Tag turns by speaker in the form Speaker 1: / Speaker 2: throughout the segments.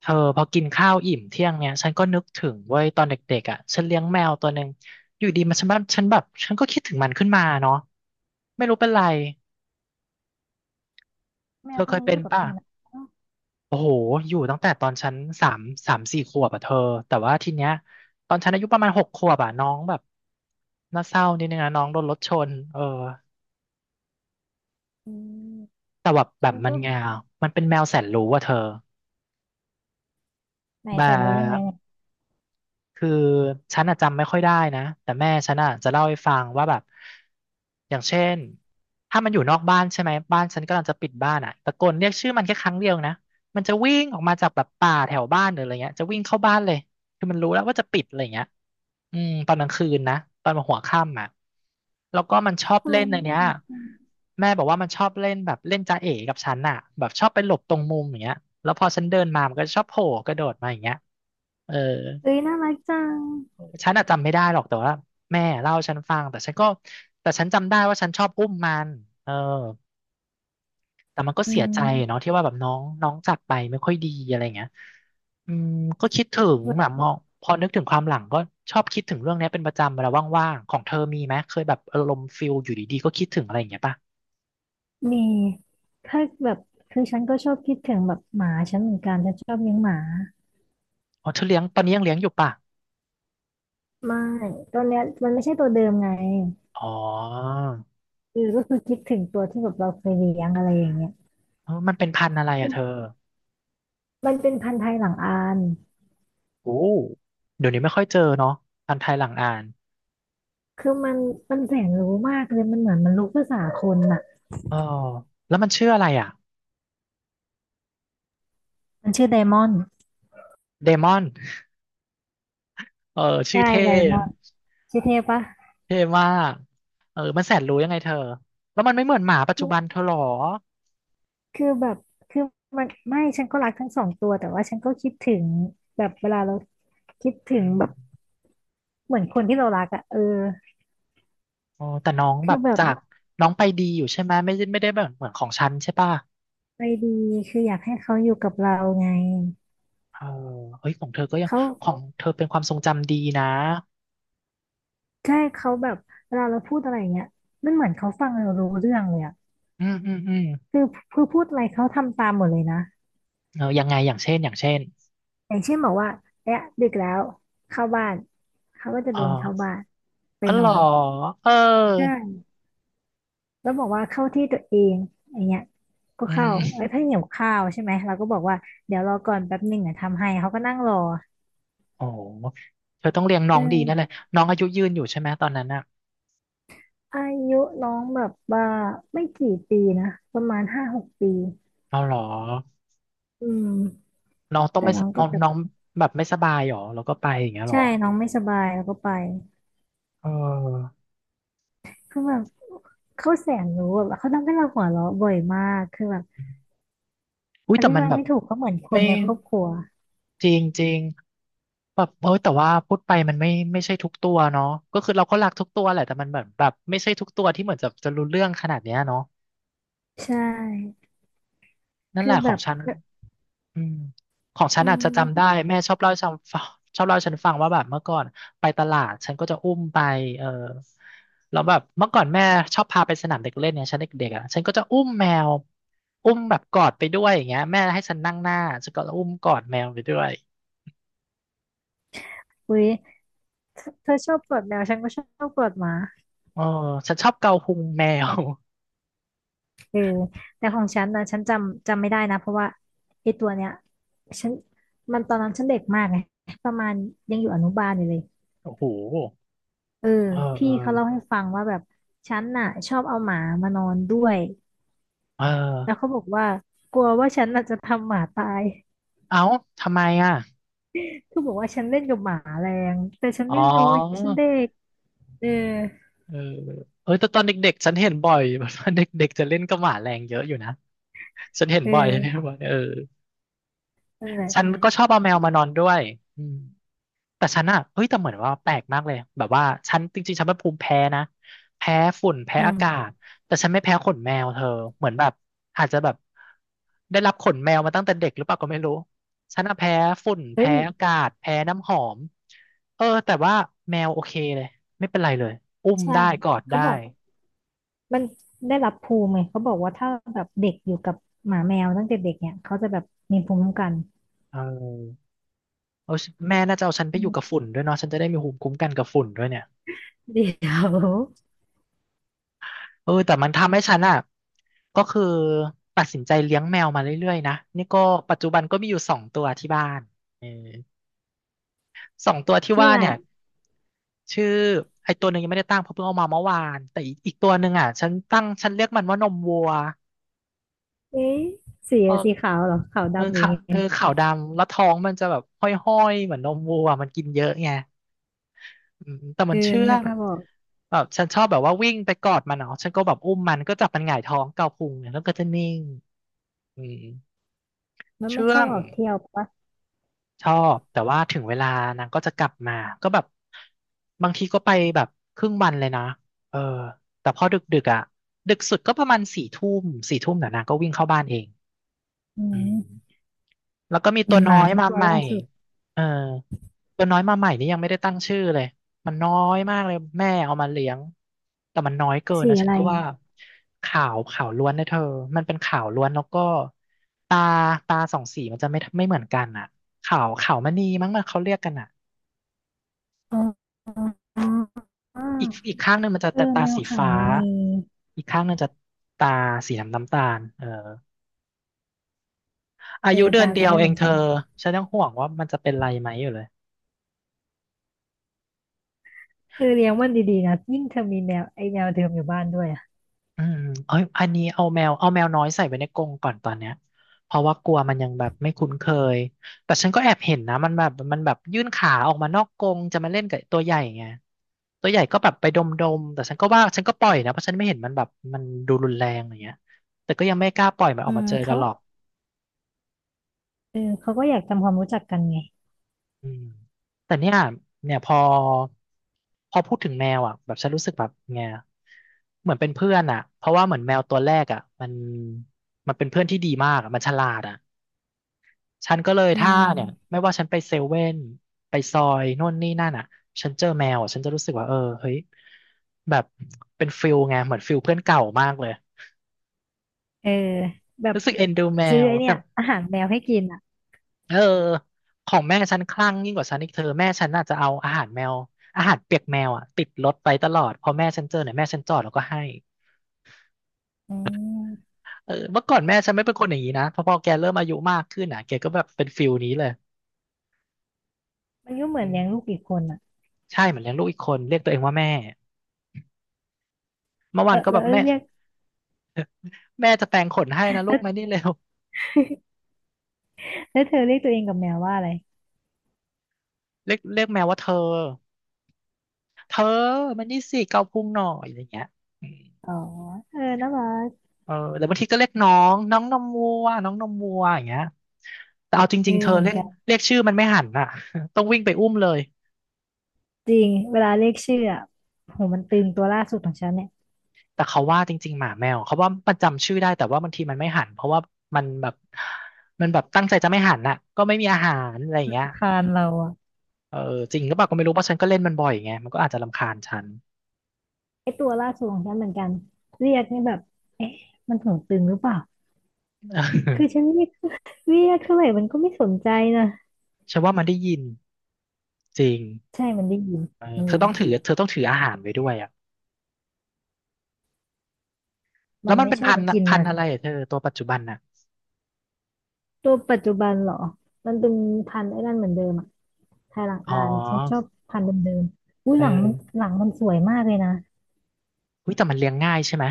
Speaker 1: เธอพอกินข้าวอิ่มเที่ยงเนี่ยฉันก็นึกถึงเว้ยตอนเด็กๆอ่ะฉันเลี้ยงแมวตัวหนึ่งอยู่ดีมันฉันแบบฉันแบบฉันก็คิดถึงมันขึ้นมาเนาะไม่รู้เป็นไร
Speaker 2: แม
Speaker 1: เธ
Speaker 2: ว
Speaker 1: อ
Speaker 2: ตั
Speaker 1: เค
Speaker 2: ว
Speaker 1: ย
Speaker 2: นี้อ
Speaker 1: เป็น
Speaker 2: ยู่กับเธ
Speaker 1: ป่ะ
Speaker 2: อนะ
Speaker 1: โอ้โหอยู่ตั้งแต่ตอนฉันสามสามสี่ขวบอ่ะเธอแต่ว่าทีเนี้ยตอนฉันอายุประมาณหกขวบอ่ะน้องแบบน่าเศร้านิดนึงนะน้องโดนรถชนเออ
Speaker 2: อืม
Speaker 1: แต่แบบแบ
Speaker 2: ฉั
Speaker 1: บ
Speaker 2: น
Speaker 1: มั
Speaker 2: ก็
Speaker 1: นไงามันเป็นแมวแสนรู้อ่ะเธอ
Speaker 2: ไหน
Speaker 1: แบ
Speaker 2: แสนรู้ยังไง
Speaker 1: บ
Speaker 2: เนี่ย
Speaker 1: คือฉันอะจำไม่ค่อยได้นะแต่แม่ฉันอะจะเล่าให้ฟังว่าแบบอย่างเช่นถ้ามันอยู่นอกบ้านใช่ไหมบ้านฉันกำลังจะปิดบ้านอะตะโกนเรียกชื่อมันแค่ครั้งเดียวนะมันจะวิ่งออกมาจากแบบป่าแถวบ้านหรืออะไรเงี้ยจะวิ่งเข้าบ้านเลยคือมันรู้แล้วว่าจะปิดอะไรเงี้ยอืมตอนกลางคืนนะตอนหัวค่ำอ่ะแล้วก็มันชอบ
Speaker 2: ทำไม
Speaker 1: เล่น
Speaker 2: มั
Speaker 1: อั
Speaker 2: น
Speaker 1: น
Speaker 2: น่า
Speaker 1: เนี้ย
Speaker 2: รักจัง
Speaker 1: แม่บอกว่ามันชอบเล่นแบบเล่นจ๊ะเอ๋กับฉันอ่ะแบบชอบไปหลบตรงมุมอย่างเงี้ยแล้วพอฉันเดินมามันก็ชอบโผล่กระโดดมาอย่างเงี้ยเออ
Speaker 2: เอ้ยน่ารักจัง
Speaker 1: ฉันอะจำไม่ได้หรอกแต่ว่าแม่เล่าให้ฉันฟังแต่ฉันก็แต่ฉันจำได้ว่าฉันชอบอุ้มมันเออแต่มันก็
Speaker 2: อื
Speaker 1: เสียใจเนาะ
Speaker 2: ม
Speaker 1: ที่ว่าแบบน้องน้องจากไปไม่ค่อยดีอะไรเงี้ยอืมก็คิดถึง
Speaker 2: แบ
Speaker 1: แบบ
Speaker 2: บ
Speaker 1: มองพอนึกถึงความหลังก็ชอบคิดถึงเรื่องเนี้ยเป็นประจำเวลาว่างๆของเธอมีไหมเคยแบบอารมณ์ฟิลอยู่ดีๆก็คิดถึงอะไรอย่างเงี้ยป่ะ
Speaker 2: มีถ้าแบบคือฉันก็ชอบคิดถึงแบบหมาฉันเหมือนกันฉันชอบเลี้ยงหมา
Speaker 1: อ๋อเธอเลี้ยงตอนนี้ยังเลี้ยงอยู่ป่ะ
Speaker 2: ไม่ ตอนเนี้ยมันไม่ใช่ตัวเดิมไง
Speaker 1: อ๋อ
Speaker 2: ก็คือคิดถึงตัวที่แบบเราเคยเลี้ยงอะไรอย่างเงี้ย
Speaker 1: เออมันเป็นพันธุ์อะไรอะเธอ
Speaker 2: มันเป็นพันธุ์ไทยหลังอาน
Speaker 1: โอ้เดี๋ยวนี้ไม่ค่อยเจอเนาะพันธุ์ไทยหลังอ่าน
Speaker 2: คือมันแสนรู้มากเลย มันเหมือนมันรู้ภาษาคนอ่ะ
Speaker 1: เออแล้วมันชื่ออะไรอ่ะ
Speaker 2: มันชื่อไดมอนด์
Speaker 1: เดมอนเออชื่
Speaker 2: ใช่
Speaker 1: อเท่
Speaker 2: ไดมอนด์ชื่อเทพปะ
Speaker 1: เท่มากเออมันแสนรู้ยังไงเธอแล้วมันไม่เหมือนหมาปัจจุบันเธอหรอ
Speaker 2: คือแบบคือมันไม่ฉันก็รักทั้งสองตัวแต่ว่าฉันก็คิดถึงแบบเวลาเราคิดถึ
Speaker 1: อื
Speaker 2: ง
Speaker 1: ม
Speaker 2: แบบเหมือนคนที่เรารักอะเออ
Speaker 1: โอ้แต่น้องแบ
Speaker 2: คือ
Speaker 1: บ
Speaker 2: แบบ
Speaker 1: จากน้องไปดีอยู่ใช่ไหมไม่ได้แบบเหมือนของฉันใช่ป่ะ
Speaker 2: ใจดีคืออยากให้เขาอยู่กับเราไง
Speaker 1: เออเฮ้ยของเธอก็ยัง
Speaker 2: เขา
Speaker 1: ของเธอเป็นความทรงจำดีนะ
Speaker 2: ใช่เขาแบบเวลาเราพูดอะไรอย่างเงี้ยมันเหมือนเขาฟังเรารู้เรื่องเลยอะ
Speaker 1: อืมอืมอืม
Speaker 2: คือคือพูดอะไรเขาทำตามหมดเลยนะ
Speaker 1: เออยังไงอย่างเช่น
Speaker 2: อย่างเช่นบอกว่าเนี่ยดึกแล้วเข้าบ้านเขาก็จะ
Speaker 1: เอ
Speaker 2: เดินเข้า
Speaker 1: อ
Speaker 2: บ้านไป
Speaker 1: อ๋อ
Speaker 2: น
Speaker 1: เหร
Speaker 2: อ
Speaker 1: อ
Speaker 2: น
Speaker 1: เออ
Speaker 2: ใช่ แล้วบอกว่าเข้าที่ตัวเองอย่างเงี้ยก็
Speaker 1: อื
Speaker 2: เข้าไอ้
Speaker 1: ม
Speaker 2: ยถ้าเพิ่งวข้าวใช่ไหมเราก็บอกว่าเดี๋ยวรอก่อนแป๊บหนึ่งอ่ะทำให้เขาก็นั่งรอ
Speaker 1: โอ้เธอต้องเลี้ยงน้
Speaker 2: เอ
Speaker 1: องดีนั่นเลย
Speaker 2: อ
Speaker 1: น้องอายุยืนอยู่ใช่ไหมตอนนั้นอ่ะ
Speaker 2: อายุน้องแบบว่าไม่กี่ปีนะประมาณ5-6 ปี
Speaker 1: เอาเหรอ
Speaker 2: อืม
Speaker 1: น้องต้อง
Speaker 2: แต่
Speaker 1: ไม่
Speaker 2: น้
Speaker 1: ส
Speaker 2: องก็
Speaker 1: น้อง
Speaker 2: แบบ
Speaker 1: น้องแบบไม่สบายหรอแล้วก็ไปอย่างเงี้ยหร
Speaker 2: ใช่
Speaker 1: อ
Speaker 2: น้องไม่สบายแล้วก็ไป
Speaker 1: เออ
Speaker 2: คือแบบเขาแสนรู้แบบเขาทำให้เราหัวเราะบ่อยมากคือแบบ
Speaker 1: อุ้ย
Speaker 2: อ
Speaker 1: แต่
Speaker 2: ธิ
Speaker 1: มัน
Speaker 2: บาย
Speaker 1: แบบ
Speaker 2: ไม่ถูกเขาเหมือนค
Speaker 1: ไม่
Speaker 2: นในครอบครัว
Speaker 1: จริงจริงแบบเออแต่ว่าพูดไปมันไม่ไม่ใช่ทุกตัวเนาะก็คือเราก็รักทุกตัวแหละแต่มันแบบไม่ใช่ทุกตัวที่เหมือนจะรู้เรื่องขนาดเนี้ยเนาะ
Speaker 2: ใช่
Speaker 1: นั่นแห
Speaker 2: คือ
Speaker 1: ละข
Speaker 2: แบ
Speaker 1: อง
Speaker 2: บ
Speaker 1: ฉัน อืมของฉัน
Speaker 2: อื
Speaker 1: อาจจะ
Speaker 2: ม
Speaker 1: จำได้แม่ชอบเล่าให้ฉันฟัง ชอบเล่าให้ฉันฟังว่าแบบเมื่อก่อนไปตลาดฉันก็จะอุ้มไปเออแล้วแบบเมื่อก่อนแม่ชอบพาไปสนามเด็กเล่นเนี่ยฉันเด็กๆอ่ะฉันก็จะอุ้มแมวอุ้มแบบกอดไปด้วยอย่างเงี้ยแม่ให้ฉันนั่งหน้าฉันก็อุ้มกอดแมวไปด้วย
Speaker 2: อุ๊ยเธอชอบกอดแมวฉันก็ชอบกอดหมา
Speaker 1: เออฉันชอบเกาพุงแมว
Speaker 2: เออแต่ของฉันนะฉันจำไม่ได้นะเพราะว่าไอ้ตัวเนี้ยฉันมันตอนนั้นฉันเด็กมากไงประมาณยังอยู่อนุบาลอยู่เลย
Speaker 1: โอ้โห
Speaker 2: เออ
Speaker 1: เออเอ
Speaker 2: พี่
Speaker 1: อ
Speaker 2: เขาเล่าให้ฟังว่าแบบฉันน่ะชอบเอาหมามานอนด้วย
Speaker 1: เ
Speaker 2: แล้ว
Speaker 1: ออ
Speaker 2: เขาบอกว่ากลัวว่าฉันน่ะจะทำหมาตาย
Speaker 1: เอ้าทำไมอ่ะ
Speaker 2: คือบอกว่าฉันเล่นกับหมาแรงแต่ฉัน
Speaker 1: อ๋อ
Speaker 2: ไม่รู้ไงฉันเด็กเออ
Speaker 1: เออเออแต่ตอนเด็กๆฉันเห็นบ่อย แบบว่าเด็กๆจะเล่นกับหมาแรงเยอะอยู่นะ ฉันเห็น
Speaker 2: เอ
Speaker 1: บ่อยฉันเห็น
Speaker 2: อ
Speaker 1: บ่อยเออ
Speaker 2: นั่นแหละ
Speaker 1: ฉันก็ชอบเอาแมวมานอนด้วยอืมแต่ฉันอะเฮ้ยแต่เหมือนว่าแปลกมากเลยแบบว่าฉันจริงๆฉันเป็นภูมิแพ้นะแพ้ฝุ่นแพ้
Speaker 2: อื
Speaker 1: อากา
Speaker 2: ม
Speaker 1: ศแต่ฉันไม่แพ้ขนแมวเธอเหมือนแบบอาจจะแบบได้รับขนแมวมาตั้งแต่เด็กหรือเปล่าก็ไม่รู้ฉันอะแพ้ฝุ่น
Speaker 2: เฮ้
Speaker 1: แพ้
Speaker 2: ย
Speaker 1: อากาศแพ้น้ำหอมเออแต่ว่าแมวโอเคเลยไม่เป็นไรเลยอุ้ม
Speaker 2: ใช่
Speaker 1: ได้กอด
Speaker 2: เขา
Speaker 1: ได้
Speaker 2: บอก มันได้รับภูมิไงเขาบอกว่าถ้าแบบเด็กอยู่กับหมาแมวตั้งแต่เด็กเนี่ยเขาจะแบบมีภูมิคุ้มกัน
Speaker 1: เออเอาแม่น่าจะเอาฉันไป
Speaker 2: อื
Speaker 1: อยู่กับ
Speaker 2: ม
Speaker 1: ฝุ่นด้วยเนาะฉันจะได้มีภูมิคุ้มกันกับฝุ่นด้วยเนี่ย
Speaker 2: เดี๋ยว
Speaker 1: เออแต่มันทำให้ฉันอ่ะก็คือตัดสินใจเลี้ยงแมวมาเรื่อยๆนะนี่ก็ปัจจุบันก็มีอยู่สองตัวที่บ้านเออสองตัวที่
Speaker 2: ชื่อ
Speaker 1: ว่า
Speaker 2: อะไร
Speaker 1: เนี่ยชื่อไอตัวหนึ่งยังไม่ได้ตั้งเพราะเพิ่งเอามาเมื่อวานแต่อีกตัวหนึ่งอ่ะฉันตั้งฉันเรียกมันว่านมวัว
Speaker 2: เอ๊ะสี
Speaker 1: เออ
Speaker 2: สีขาวเหรอขาว
Speaker 1: เออ
Speaker 2: ดำหรือไง
Speaker 1: ขาวดำแล้วท้องมันจะแบบห้อยๆเหมือนนมวัวมันกินเยอะไงอืมแต่
Speaker 2: เอ
Speaker 1: มั
Speaker 2: อ
Speaker 1: นเชื่อ
Speaker 2: นึก
Speaker 1: ง
Speaker 2: ภาพออก
Speaker 1: แบบฉันชอบแบบว่าวิ่งไปกอดมันเนาะฉันก็แบบอุ้มมันก็จับมันหงายท้องเกาพุงเนี่ยแล้วก็จะนิ่งอืม
Speaker 2: แล้วมั
Speaker 1: เชื่
Speaker 2: นช
Speaker 1: อ
Speaker 2: อบ
Speaker 1: ง
Speaker 2: ออกเที่ยวปะ
Speaker 1: ชอบแต่ว่าถึงเวลานางก็จะกลับมาก็แบบบางทีก็ไปแบบครึ่งวันเลยนะเออแต่พอดึกดึกอ่ะดึกสุดก็ประมาณสี่ทุ่มสี่ทุ่มเดี๋ยวนางก็วิ่งเข้าบ้านเอง
Speaker 2: อื
Speaker 1: อื
Speaker 2: ม
Speaker 1: ม แล้วก็มี
Speaker 2: เห
Speaker 1: ตั
Speaker 2: มื
Speaker 1: ว
Speaker 2: อนห
Speaker 1: น้อ
Speaker 2: มา
Speaker 1: ย
Speaker 2: ฉัน
Speaker 1: มา
Speaker 2: ตัว
Speaker 1: ใหม่
Speaker 2: ล่าสุด
Speaker 1: เออตัวน้อยมาใหม่นี่ยังไม่ได้ตั้งชื่อเลยมันน้อยมากเลยแม่เอามาเลี้ยงแต่มันน้อยเกิน
Speaker 2: สี
Speaker 1: นะ
Speaker 2: อะ
Speaker 1: ฉัน
Speaker 2: ไร
Speaker 1: ก็ว่าขาวล้วนนะเธอมันเป็นขาวล้วนแล้วก็ตาตาสองสีมันจะไม่เหมือนกันอ่ะขาวมณีมั้งมันเขาเรียกกันอ่ะ
Speaker 2: อ๋ออ๋ออ๋อ
Speaker 1: อีกข้างหนึ่งมันจะ
Speaker 2: เออ
Speaker 1: ตา
Speaker 2: แมว
Speaker 1: สี
Speaker 2: ขาว
Speaker 1: ฟ้า
Speaker 2: มณี
Speaker 1: อีกข้างหนึ่งจะตาสีน้ำตาลเอออา
Speaker 2: เอ
Speaker 1: ยุ
Speaker 2: อ
Speaker 1: เดือ
Speaker 2: ตา
Speaker 1: น
Speaker 2: ม
Speaker 1: เดี
Speaker 2: จะ
Speaker 1: ยว
Speaker 2: ไม่
Speaker 1: เอ
Speaker 2: เหมื
Speaker 1: ง
Speaker 2: อน
Speaker 1: เธ
Speaker 2: กั
Speaker 1: อ
Speaker 2: น
Speaker 1: ฉันยังห่วงว่ามันจะเป็นไรไหมอยู่เลย
Speaker 2: เธอเลี้ยงมันดีๆนะยิ่งเธอมีแมวไอ้แมวเดิมอยู่บ้านด้วยอ่ะ
Speaker 1: อืมเอ้ยอันนี้เอาแมวน้อยใส่ไว้ในกรงก่อนตอนเนี้ยเพราะว่ากลัวมันยังแบบไม่คุ้นเคยแต่ฉันก็แอบเห็นนะมันแบบยื่นขาออกมานอกกรงจะมาเล่นกับตัวใหญ่ไงตัวใหญ่ก็แบบไปดมๆแต่ฉันก็ว่าฉันก็ปล่อยนะเพราะฉันไม่เห็นมันแบบมันดูรุนแรงอย่างเงี้ยแต่ก็ยังไม่กล้าปล่อยมันอ
Speaker 2: อื
Speaker 1: อกมา
Speaker 2: ม
Speaker 1: เจอกั
Speaker 2: เขา
Speaker 1: นหรอก
Speaker 2: เออเขาก็อยากทำความรู้จักกันไง
Speaker 1: อืมแต่เนี่ยพอพูดถึงแมวอ่ะแบบฉันรู้สึกแบบไงเหมือนเป็นเพื่อนอ่ะเพราะว่าเหมือนแมวตัวแรกอ่ะมันมันเป็นเพื่อนที่ดีมากอะมันฉลาดอ่ะฉันก็เลย
Speaker 2: อื
Speaker 1: ถ้าเนี่ย
Speaker 2: ม
Speaker 1: ไม่ว่าฉันไปเซเว่นไปซอยโน่นนี่นั่นอ่ะฉันเจอแมวอ่ะฉันจะรู้สึกว่าเออเฮ้ยแบบเป็นฟิลไงเหมือนฟิลเพื่อนเก่ามากเลย
Speaker 2: เออแบบ
Speaker 1: รู้สึกเอ็นดูแม
Speaker 2: ซื้อ
Speaker 1: ว
Speaker 2: ไอเนี่
Speaker 1: แต่
Speaker 2: ยอาหารแมวให้กินอ่ะ
Speaker 1: เออของแม่ฉันคลั่งยิ่งกว่าฉันอีกเธอแม่ฉันน่าจะเอาอาหารแมวอาหารเปียกแมวอ่ะติดรถไปตลอดพอแม่ฉันเจอเนี่ยแม่ฉันจอดแล้วก็ให้
Speaker 2: อืม
Speaker 1: เออเมื่อก่อนแม่ฉันไม่เป็นคนอย่างนี้นะพอแกเริ่มอายุมากขึ้นอ่ะแกก็แบบเป็นฟิลนี้เลย
Speaker 2: มันก็เหมือน
Speaker 1: อืม
Speaker 2: เลี้ยงลูกอีกคนอ่ะ
Speaker 1: ใช่เหมือนเลี้ยงลูกอีกคนเรียกตัวเองว่าแม่เมื่อ
Speaker 2: เอ
Speaker 1: วา
Speaker 2: อ
Speaker 1: นก็
Speaker 2: แล้
Speaker 1: แบ
Speaker 2: ว
Speaker 1: บแม่
Speaker 2: เรียก
Speaker 1: แม่จะแปรงขนให้นะ ลู
Speaker 2: แล้
Speaker 1: ก
Speaker 2: ว
Speaker 1: มานี่เร็ว
Speaker 2: แล้วเธอเรียกตัวเองกับแมวว่าอะไร
Speaker 1: เรียกแมวว่าเธอเธอมันนี่สิเกาพุงหน่อยอะไรเงี้ย
Speaker 2: อ๋อเออน่ารัก
Speaker 1: เออหรือบางทีก็เรียกน้องน้องนมวัวน้องนมวัวอย่างเงี้ยแต่เอาจ
Speaker 2: เอ
Speaker 1: ริ
Speaker 2: อ
Speaker 1: งๆเธอ
Speaker 2: เหมือน
Speaker 1: เรียก
Speaker 2: กัน
Speaker 1: เรียกชื่อมันไม่หันอ่ะ ต้องวิ่งไปอุ้มเลย
Speaker 2: จริงเวลาเรียกชื่ออ่ะโหมันตึงตัวล่าสุดของฉันเนี่ย
Speaker 1: แต่เขาว่าจริงๆหมาแมวเขาว่ามันจำชื่อได้แต่ว่าบางทีมันไม่หันเพราะว่ามันแบบมันแบบตั้งใจจะไม่หันอ่ะก็ไม่มีอาหารอะไรอย่างเงี้ย
Speaker 2: รำคานเราอ่ะ
Speaker 1: เออจริงหรือเปล่าก็ไม่รู้เพราะฉันก็เล่นมันบ่อยไงมันก็อาจจะรำคาญฉัน
Speaker 2: ไอตัวล่าสุดของฉันเหมือนกันเรียกนี่แบบเอ๊ะมันหูตึงหรือเปล่าคือฉันเรียกเท่าไหร่มันก็ไม่สนใจนะ
Speaker 1: ฉันว่ามันได้ยินจริง
Speaker 2: ใช่มันได้ยิน
Speaker 1: เออ
Speaker 2: มัน
Speaker 1: เธอ
Speaker 2: รู้
Speaker 1: ต้องถือเธอต้องถืออาหารไว้ด้วยอ่ะแล้
Speaker 2: มั
Speaker 1: ว
Speaker 2: น
Speaker 1: มัน
Speaker 2: ไม่
Speaker 1: เป็น
Speaker 2: ชอ
Speaker 1: พั
Speaker 2: บ
Speaker 1: นธุ์อะ
Speaker 2: กิน
Speaker 1: พัน
Speaker 2: นะ
Speaker 1: ธุ์อะไรอะเธอตัวปัจจุบันอ่ะ
Speaker 2: ตัวปัจจุบันเหรอ มันเป็นพันธุ์ไอ้นั่นเหมือนเดิมอะไทยหลัง
Speaker 1: อ๋อ
Speaker 2: อานฉันชอบพันธุ์เดิมๆอุ้ย
Speaker 1: เอ
Speaker 2: หลังมัน
Speaker 1: อ
Speaker 2: หลังมันสวยมากเลยนะ
Speaker 1: อุ้ยแต่มันเลี้ยงง่ายใช่ไหม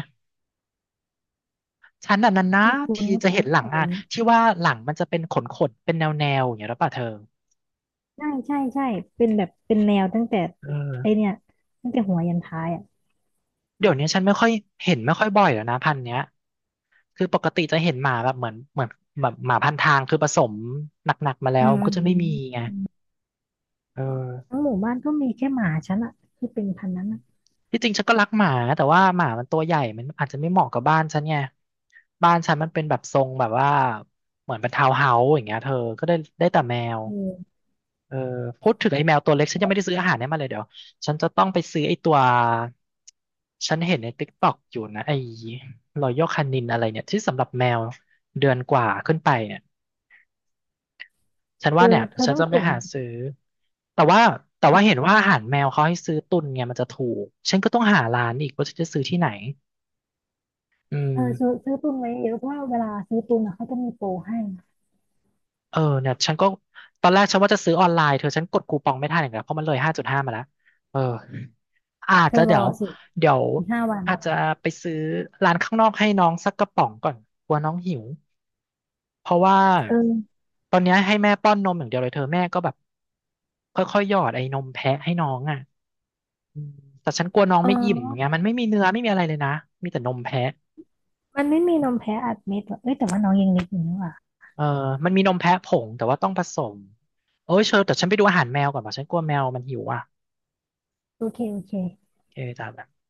Speaker 1: ฉันน่ะนาน
Speaker 2: ที่คุ
Speaker 1: ๆ
Speaker 2: ณ
Speaker 1: ที
Speaker 2: ก็
Speaker 1: จะ
Speaker 2: บอก
Speaker 1: เห็นหลัง
Speaker 2: ว่าอ
Speaker 1: อ่า
Speaker 2: ย่าง
Speaker 1: น
Speaker 2: นี้
Speaker 1: ที่ว่าหลังมันจะเป็นขนๆเป็นแนวๆอย่างเงี้ยหรือเปล่าเธอ
Speaker 2: ใช่ใช่ใช่เป็นแบบเป็นแนวตั้งแต่
Speaker 1: เ
Speaker 2: ไอ
Speaker 1: ออ
Speaker 2: เนี่ยตั้งแต่หัวยันท้ายอ่ะ
Speaker 1: เดี๋ยวนี้ฉันไม่ค่อยเห็นไม่ค่อยบ่อยแล้วนะพันธุ์เนี้ยคือปกติจะเห็นหมาแบบเหมือนแบบหมาพันทางคือผสมหนักๆมาแล้
Speaker 2: อื
Speaker 1: ว
Speaker 2: ม
Speaker 1: มัน
Speaker 2: อื
Speaker 1: ก็
Speaker 2: ม
Speaker 1: จะ
Speaker 2: อื
Speaker 1: ไม่มี
Speaker 2: ม
Speaker 1: ไงเออ
Speaker 2: ทั้งหมู่บ้านก็มีแค่หมาฉันอะที่เป็นพันธุ์นั้นอะ
Speaker 1: ที่จริงฉันก็รักหมาแต่ว่าหมามันตัวใหญ่มันอาจจะไม่เหมาะกับบ้านฉันไงบ้านฉันมันเป็นแบบทรงแบบว่าเหมือนเป็นทาวน์เฮาส์อย่างเงี้ยเธอก็ได้ได้แต่แมว
Speaker 2: เออ
Speaker 1: เออพูดถึงไอ้แมวตัวเล็กฉันยังไม่ได้ซื้ออาหารให้มันเลยเดี๋ยวฉันจะต้องไปซื้อไอ้ตัวฉันเห็นในติ๊กต็อกอยู่นะไอ้รอยัลคานินอะไรเนี่ยที่สำหรับแมวเดือนกว่าขึ้นไปเนี่ยฉัน
Speaker 2: เอ
Speaker 1: ว่า
Speaker 2: อ
Speaker 1: เนี่ย
Speaker 2: เธอ
Speaker 1: ฉัน
Speaker 2: ต้อง
Speaker 1: จะ
Speaker 2: ข
Speaker 1: ไป
Speaker 2: น
Speaker 1: หาซื้อแต่ว่าแต่ว่าเห็นว่าอาหารแมวเขาให้ซื้อตุนไงมันจะถูกฉันก็ต้องหาร้านอีกว่าฉันจะซื้อที่ไหนอืม
Speaker 2: เออซื้อตุนไว้เยอะเพราะว่าเวลาซื้อตุนอะเขาจะมีโปรให้
Speaker 1: เออเนี่ยฉันก็ตอนแรกฉันว่าจะซื้อออนไลน์เธอฉันกดคูปองไม่ทันอย่างเงี้ยเพราะมันเลย5.5มาแล้วเออ อาจ
Speaker 2: เธ
Speaker 1: จะ
Speaker 2: อร
Speaker 1: เดี๋ย
Speaker 2: อ
Speaker 1: ว
Speaker 2: สิ
Speaker 1: เดี๋ยว
Speaker 2: อีก5 วัน
Speaker 1: อาจจะไปซื้อร้านข้างนอกให้น้องสักกระป๋องก่อนกลัวน้องหิวเพราะว่า
Speaker 2: เออ
Speaker 1: ตอนเนี้ยให้แม่ป้อนนมอย่างเดียวเลยเธอแม่ก็แบบค่อยๆหยอดไอ้นมแพะให้น้องอ่ะอืมแต่ฉันกลัวน้อง
Speaker 2: อ๋อ
Speaker 1: ไม่อิ่มไงเงี้ยมันไม่มีเนื้อไม่มีอะไรเลยนะมีแต่นมแพะ
Speaker 2: มันไม่มีนมแพ้อัดเม็ดห่ะเอ้ยแต่ว่าน้องยังเล็กอยู่นี่ว่ะ
Speaker 1: เออมันมีนมแพะผงแต่ว่าต้องผสมโอ้ยเชอแต่ฉันไปดูอาหารแมวก่อนป่ะฉันกลัวแมวมันหิวอ่ะ
Speaker 2: โอเคโอเค
Speaker 1: โอเคจ้ะ